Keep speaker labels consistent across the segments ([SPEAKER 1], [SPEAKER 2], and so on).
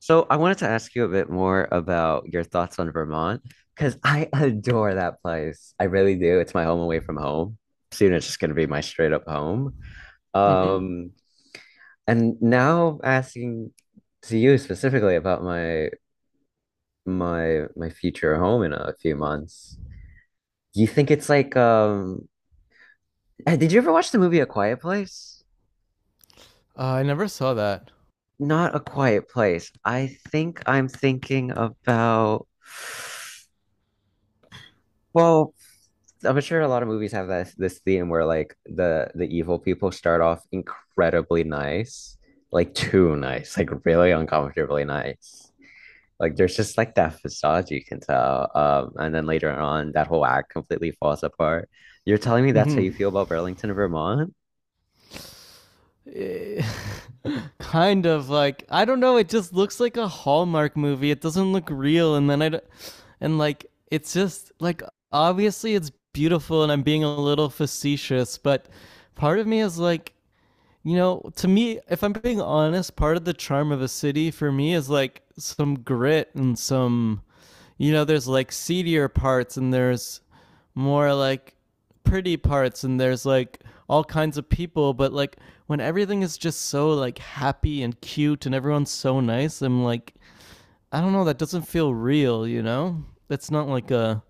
[SPEAKER 1] So I wanted to ask you a bit more about your thoughts on Vermont because I adore that place. I really do. It's my home away from home. Soon it's just going to be my straight up home.
[SPEAKER 2] hmm
[SPEAKER 1] Um, and now asking to you specifically about my my future home in a few months. Do you think it's like did you ever watch the movie A Quiet Place?
[SPEAKER 2] I never saw that.
[SPEAKER 1] Not A Quiet Place. I think I'm thinking about, well, I'm sure a lot of movies have this theme where like the evil people start off incredibly nice, like too nice, like really uncomfortably nice. Like there's just like that facade you can tell. And then later on, that whole act completely falls apart. You're telling me that's how
[SPEAKER 2] Hmm.
[SPEAKER 1] you feel about Burlington, Vermont?
[SPEAKER 2] Eh, kind of I don't know. It just looks like a Hallmark movie. It doesn't look real, and and like it's just like obviously it's beautiful, and I'm being a little facetious, but part of me is like, you know, to me, if I'm being honest, part of the charm of a city for me is like some grit and some, there's like seedier parts and there's more like pretty parts and there's like all kinds of people. But like when everything is just so like happy and cute and everyone's so nice, I'm like, I don't know, that doesn't feel real, That's not like a,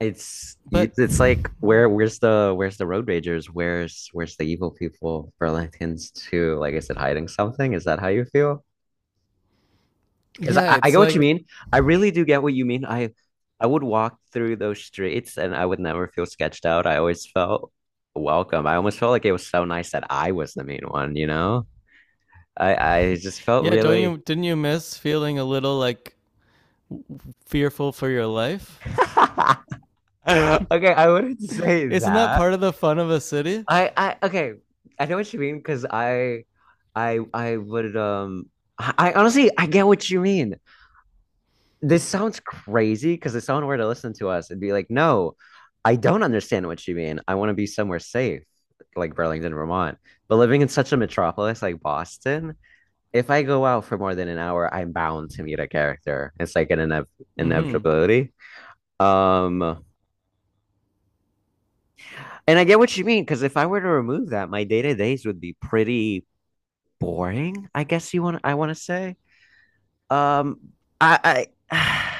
[SPEAKER 1] It's
[SPEAKER 2] but
[SPEAKER 1] it's like where's the road ragers? Where's the evil people? Burlington's too. Like, is it hiding something? Is that how you feel? Because
[SPEAKER 2] yeah,
[SPEAKER 1] I get
[SPEAKER 2] it's
[SPEAKER 1] what you
[SPEAKER 2] like,
[SPEAKER 1] mean. I really do get what you mean. I would walk through those streets and I would never feel sketched out. I always felt welcome. I almost felt like it was so nice that I was the main one, you know? I just felt
[SPEAKER 2] yeah, don't
[SPEAKER 1] really.
[SPEAKER 2] didn't you miss feeling a little like fearful for your life?
[SPEAKER 1] Okay, I wouldn't say
[SPEAKER 2] Isn't that
[SPEAKER 1] that.
[SPEAKER 2] part of the fun of a city?
[SPEAKER 1] I okay, I know what you mean because I I would um I honestly, I get what you mean. This sounds crazy because if someone were to listen to us, it'd be like, no, I don't understand what you mean. I want to be somewhere safe, like Burlington, Vermont. But living in such a metropolis like Boston, if I go out for more than an hour, I'm bound to meet a character. It's like an
[SPEAKER 2] Mm-hmm.
[SPEAKER 1] inevitability. Um, and I get what you mean because if I were to remove that, my day to days would be pretty boring. I guess you want I want to say. Um, I.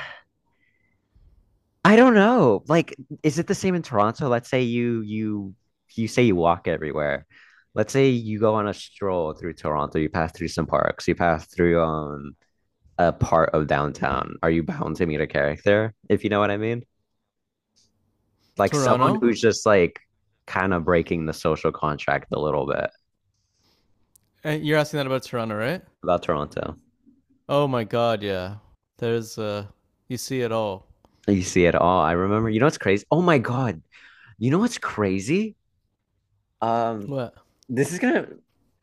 [SPEAKER 1] I don't know. Like, is it the same in Toronto? Let's say you say you walk everywhere. Let's say you go on a stroll through Toronto, you pass through some parks, you pass through a part of downtown. Are you bound to meet a character, if you know what I mean? Like someone
[SPEAKER 2] Toronto?
[SPEAKER 1] who's just like kind of breaking the social contract a little bit
[SPEAKER 2] You're asking that about Toronto, right?
[SPEAKER 1] about Toronto.
[SPEAKER 2] Oh my God, yeah. There's you see it all.
[SPEAKER 1] You see it all. I remember, you know what's crazy? Oh my God. You know what's crazy? Um,
[SPEAKER 2] What?
[SPEAKER 1] This is gonna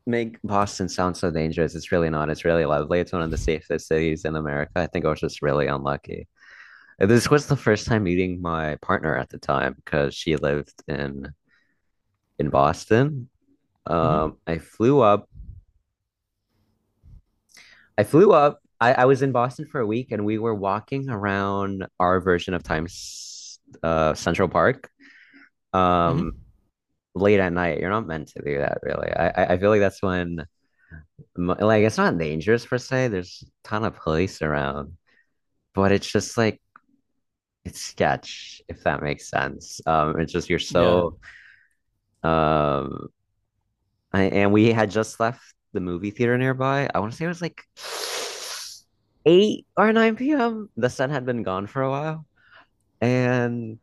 [SPEAKER 1] make Boston sound so dangerous. It's really not. It's really lovely. It's one of the safest cities in America. I think I was just really unlucky. This was the first time meeting my partner at the time because she lived in Boston.
[SPEAKER 2] Mm-hmm.
[SPEAKER 1] I flew up. I flew up. I was in Boston for a week, and we were walking around our version of Times Central Park, um,
[SPEAKER 2] Mm-hmm.
[SPEAKER 1] late at night. You're not meant to do that, really. I feel like that's when, like, it's not dangerous per se. There's a ton of police around, but it's just like it's sketch, if that makes sense. It's just you're Yeah.
[SPEAKER 2] Yeah.
[SPEAKER 1] So um, and we had just left the movie theater nearby. I want to say it was like 8 or 9 p.m. The sun had been gone for a while, and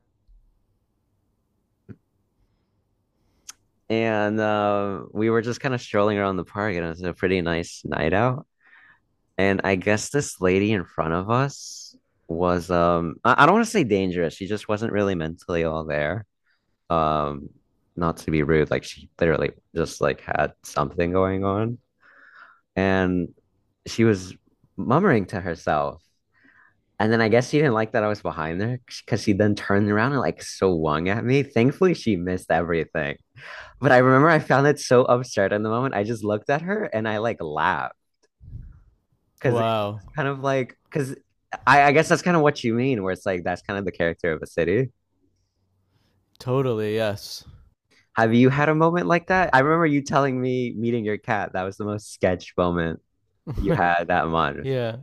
[SPEAKER 1] we were just kind of strolling around the park, and it was a pretty nice night out. And I guess this lady in front of us I don't want to say, dangerous. She just wasn't really mentally all there. Um Not to be rude, like she literally just like had something going on. And she was murmuring to herself. And then I guess she didn't like that I was behind her because she then turned around and like swung at me. Thankfully, she missed everything. But I remember I found it so absurd in the moment. I just looked at her and I like laughed because,
[SPEAKER 2] Wow.
[SPEAKER 1] kind of like, because I guess that's kind of what you mean, where it's like that's kind of the character of a city.
[SPEAKER 2] Totally. Yes.
[SPEAKER 1] Have you had a moment like that? I remember you telling me meeting your cat. That was the most sketch moment you had that month.
[SPEAKER 2] Yeah,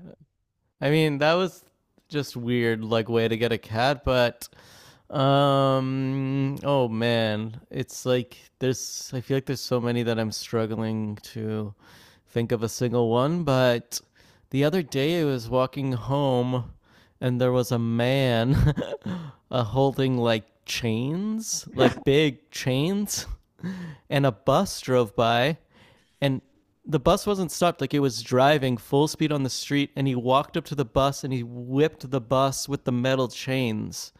[SPEAKER 2] I mean, that was just weird, like way to get a cat, but oh man. It's like there's I feel like there's so many that I'm struggling to think of a single one, but the other day I was walking home and there was a man holding like chains, like big chains, and a bus drove by and the bus wasn't stopped, like it was driving full speed on the street, and he walked up to the bus and he whipped the bus with the metal chains.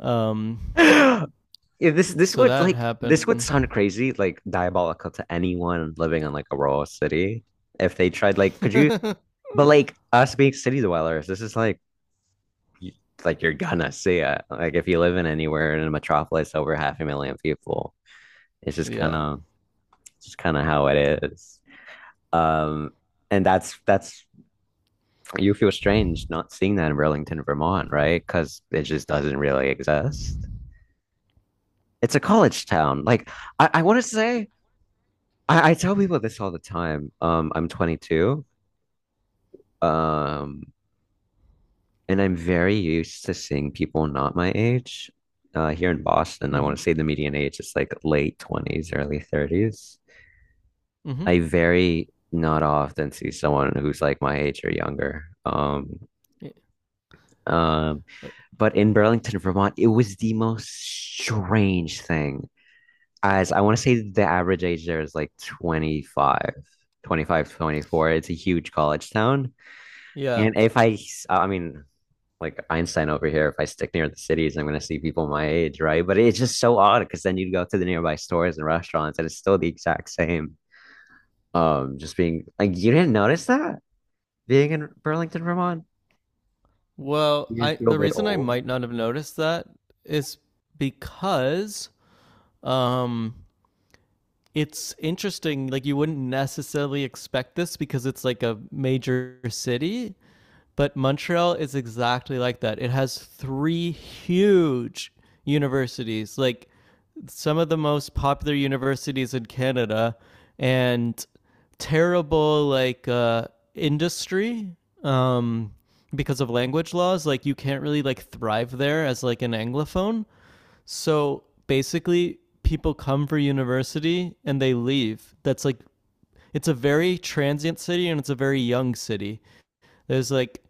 [SPEAKER 2] um
[SPEAKER 1] Yeah, this this
[SPEAKER 2] so
[SPEAKER 1] would
[SPEAKER 2] that
[SPEAKER 1] like this would
[SPEAKER 2] happened.
[SPEAKER 1] sound crazy, like diabolical to anyone living in like a rural city. If they tried, like, could you? But like us being city dwellers, this is like, y- like, you're gonna see it. Like if you live in anywhere in a metropolis over half a million people, it's just kind
[SPEAKER 2] Yeah.
[SPEAKER 1] of It's kind of how it is. Um, and that's you feel strange not seeing that in Burlington, Vermont, right? Because it just doesn't really exist. It's a college town. Like I want to say, I tell people this all the time. I'm 22, um, and I'm very used to seeing people not my age. Here in Boston,
[SPEAKER 2] mm
[SPEAKER 1] I want
[SPEAKER 2] mhm
[SPEAKER 1] to say the median age is like late 20s, early 30s.
[SPEAKER 2] Mm-hmm.
[SPEAKER 1] I very not often see someone who's like my age or younger. Um, but in Burlington, Vermont, it was the most strange thing. As I want to say the average age there is like 25, 25, 24. It's a huge college town.
[SPEAKER 2] Yeah,
[SPEAKER 1] And if I, I mean, like Einstein over here, if I stick near the cities, I'm going to see people my age, right? But it's just so odd because then you'd go to the nearby stores and restaurants and it's still the exact same. Just being like, you didn't notice that being in Burlington, Vermont? You
[SPEAKER 2] well, I
[SPEAKER 1] didn't feel a
[SPEAKER 2] the
[SPEAKER 1] bit
[SPEAKER 2] reason I
[SPEAKER 1] old?
[SPEAKER 2] might not have noticed that is because, um it's interesting, like you wouldn't necessarily expect this because it's like a major city. But Montreal is exactly like that. It has three huge universities, like some of the most popular universities in Canada, and terrible like industry, um, because of language laws. Like you can't really like thrive there as like an anglophone. So basically, people come for university and they leave. That's like it's a very transient city and it's a very young city. There's like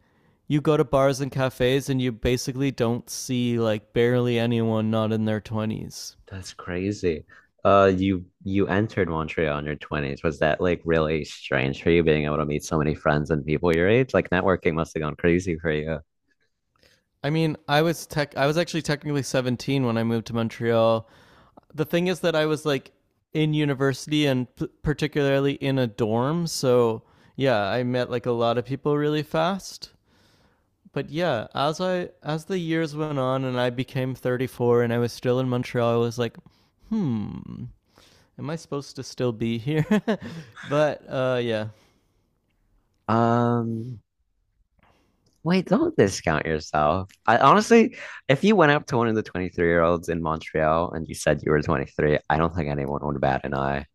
[SPEAKER 2] you go to bars and cafes and you basically don't see, like, barely anyone not in their 20s.
[SPEAKER 1] That's crazy. You entered Montreal in your 20s. Was that like really strange for you being able to meet so many friends and people your age? Like networking must have gone crazy for you.
[SPEAKER 2] I mean, I was actually technically 17 when I moved to Montreal. The thing is that I was like in university and particularly in a dorm, so yeah, I met like a lot of people really fast. But yeah, as the years went on and I became 34 and I was still in Montreal, I was like, "Hmm, am I supposed to still be here?" But yeah.
[SPEAKER 1] Um, Wait, don't discount yourself. I honestly, if you went up to one of the 23-year-olds in Montreal and you said you were 23, I don't think anyone would bat an eye.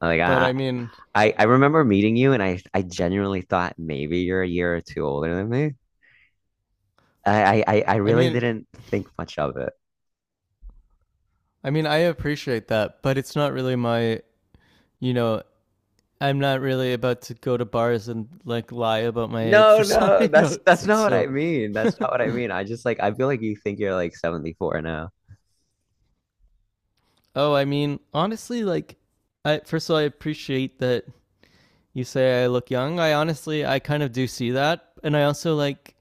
[SPEAKER 1] Like
[SPEAKER 2] But
[SPEAKER 1] I,
[SPEAKER 2] I mean
[SPEAKER 1] I, I remember meeting you and I genuinely thought maybe you're a year or two older than me. I
[SPEAKER 2] I
[SPEAKER 1] really
[SPEAKER 2] mean
[SPEAKER 1] didn't think much of it.
[SPEAKER 2] I mean, I appreciate that, but it's not really my, you know, I'm not really about to go to bars and like lie about my age
[SPEAKER 1] No,
[SPEAKER 2] for, some,
[SPEAKER 1] no,
[SPEAKER 2] you know,
[SPEAKER 1] that's
[SPEAKER 2] it's
[SPEAKER 1] that's
[SPEAKER 2] like
[SPEAKER 1] not what I
[SPEAKER 2] so.
[SPEAKER 1] mean. That's not what I mean. I just like I feel like you think you're like 74 now.
[SPEAKER 2] Oh, I mean, honestly, like, I first of all, I appreciate that you say I look young. I kind of do see that. And I also like,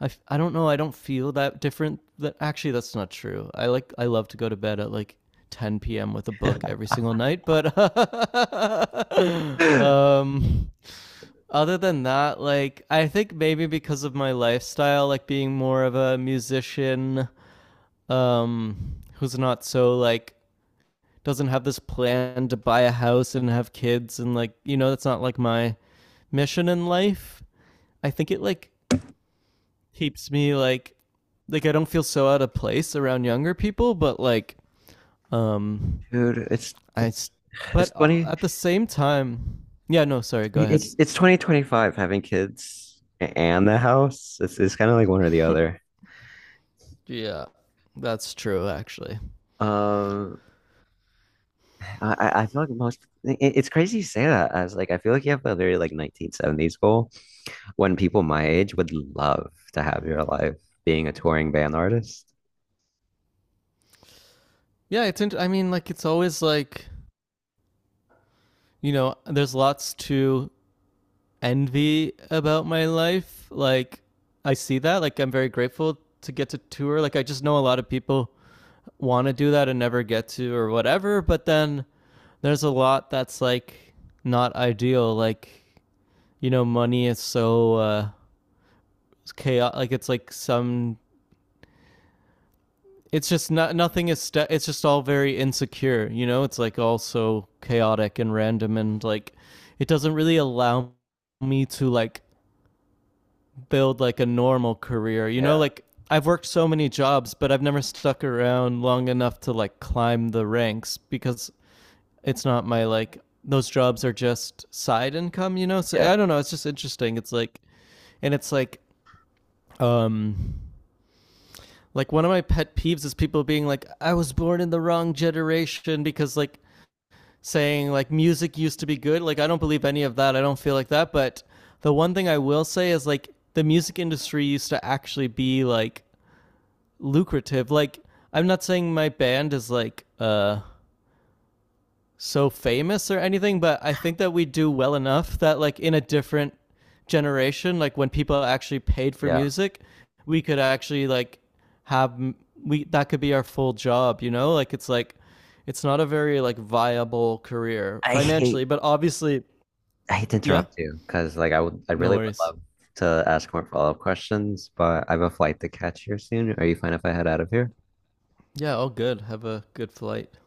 [SPEAKER 2] I don't know. I don't feel that different. That actually, that's not true. I love to go to bed at like 10 p.m. with a book every single night. But
[SPEAKER 1] Dude,
[SPEAKER 2] um, other than that, like, I think maybe because of my lifestyle, like being more of a musician, who's not so like, doesn't have this plan to buy a house and have kids and, like, you know, that's not like my mission in life. I think it like keeps me like, I don't feel so out of place around younger people, but like, um
[SPEAKER 1] it's it's,
[SPEAKER 2] I,
[SPEAKER 1] it's
[SPEAKER 2] but
[SPEAKER 1] funny.
[SPEAKER 2] at the same time, yeah, no, sorry, go ahead.
[SPEAKER 1] It's 2025 having kids and the house. It's kind of like one or the other.
[SPEAKER 2] Yeah. That's true, actually.
[SPEAKER 1] Um, I feel like it's crazy you say that as like I feel like you have a very like 1970s goal when people my age would love to have your life being a touring band artist.
[SPEAKER 2] Yeah, I mean, like, it's always like, you know, there's lots to envy about my life. Like, I see that. Like, I'm very grateful to get to tour. Like, I just know a lot of people want to do that and never get to or whatever, but then there's a lot that's like not ideal. Like, you know, money is so chaotic. Like it's like some. It's just not nothing is. It's just all very insecure. You know, it's like all so chaotic and random, and like it doesn't really allow me to like build like a normal career. You know,
[SPEAKER 1] Yeah,
[SPEAKER 2] like I've worked so many jobs, but I've never stuck around long enough to like climb the ranks because it's not my like, those jobs are just side income, you know? So
[SPEAKER 1] yeah,
[SPEAKER 2] I don't know, it's just interesting. It's like, and it's like um like one of my pet peeves is people being like, I was born in the wrong generation, because like saying like music used to be good. Like, I don't believe any of that. I don't feel like that, but the one thing I will say is like the music industry used to actually be like lucrative. Like I'm not saying my band is like so famous or anything, but I think that we do well enough that like in a different generation, like when people actually paid for
[SPEAKER 1] yeah.
[SPEAKER 2] music, we could actually like have, we that could be our full job, you know? Like, it's like it's not a very like viable career
[SPEAKER 1] I hate
[SPEAKER 2] financially, but obviously,
[SPEAKER 1] I hate to
[SPEAKER 2] yeah.
[SPEAKER 1] interrupt you because like I
[SPEAKER 2] No
[SPEAKER 1] really would
[SPEAKER 2] worries.
[SPEAKER 1] love to ask more follow-up questions, but I have a flight to catch here soon. Are you fine if I head out of here?
[SPEAKER 2] Yeah, all good. Have a good flight.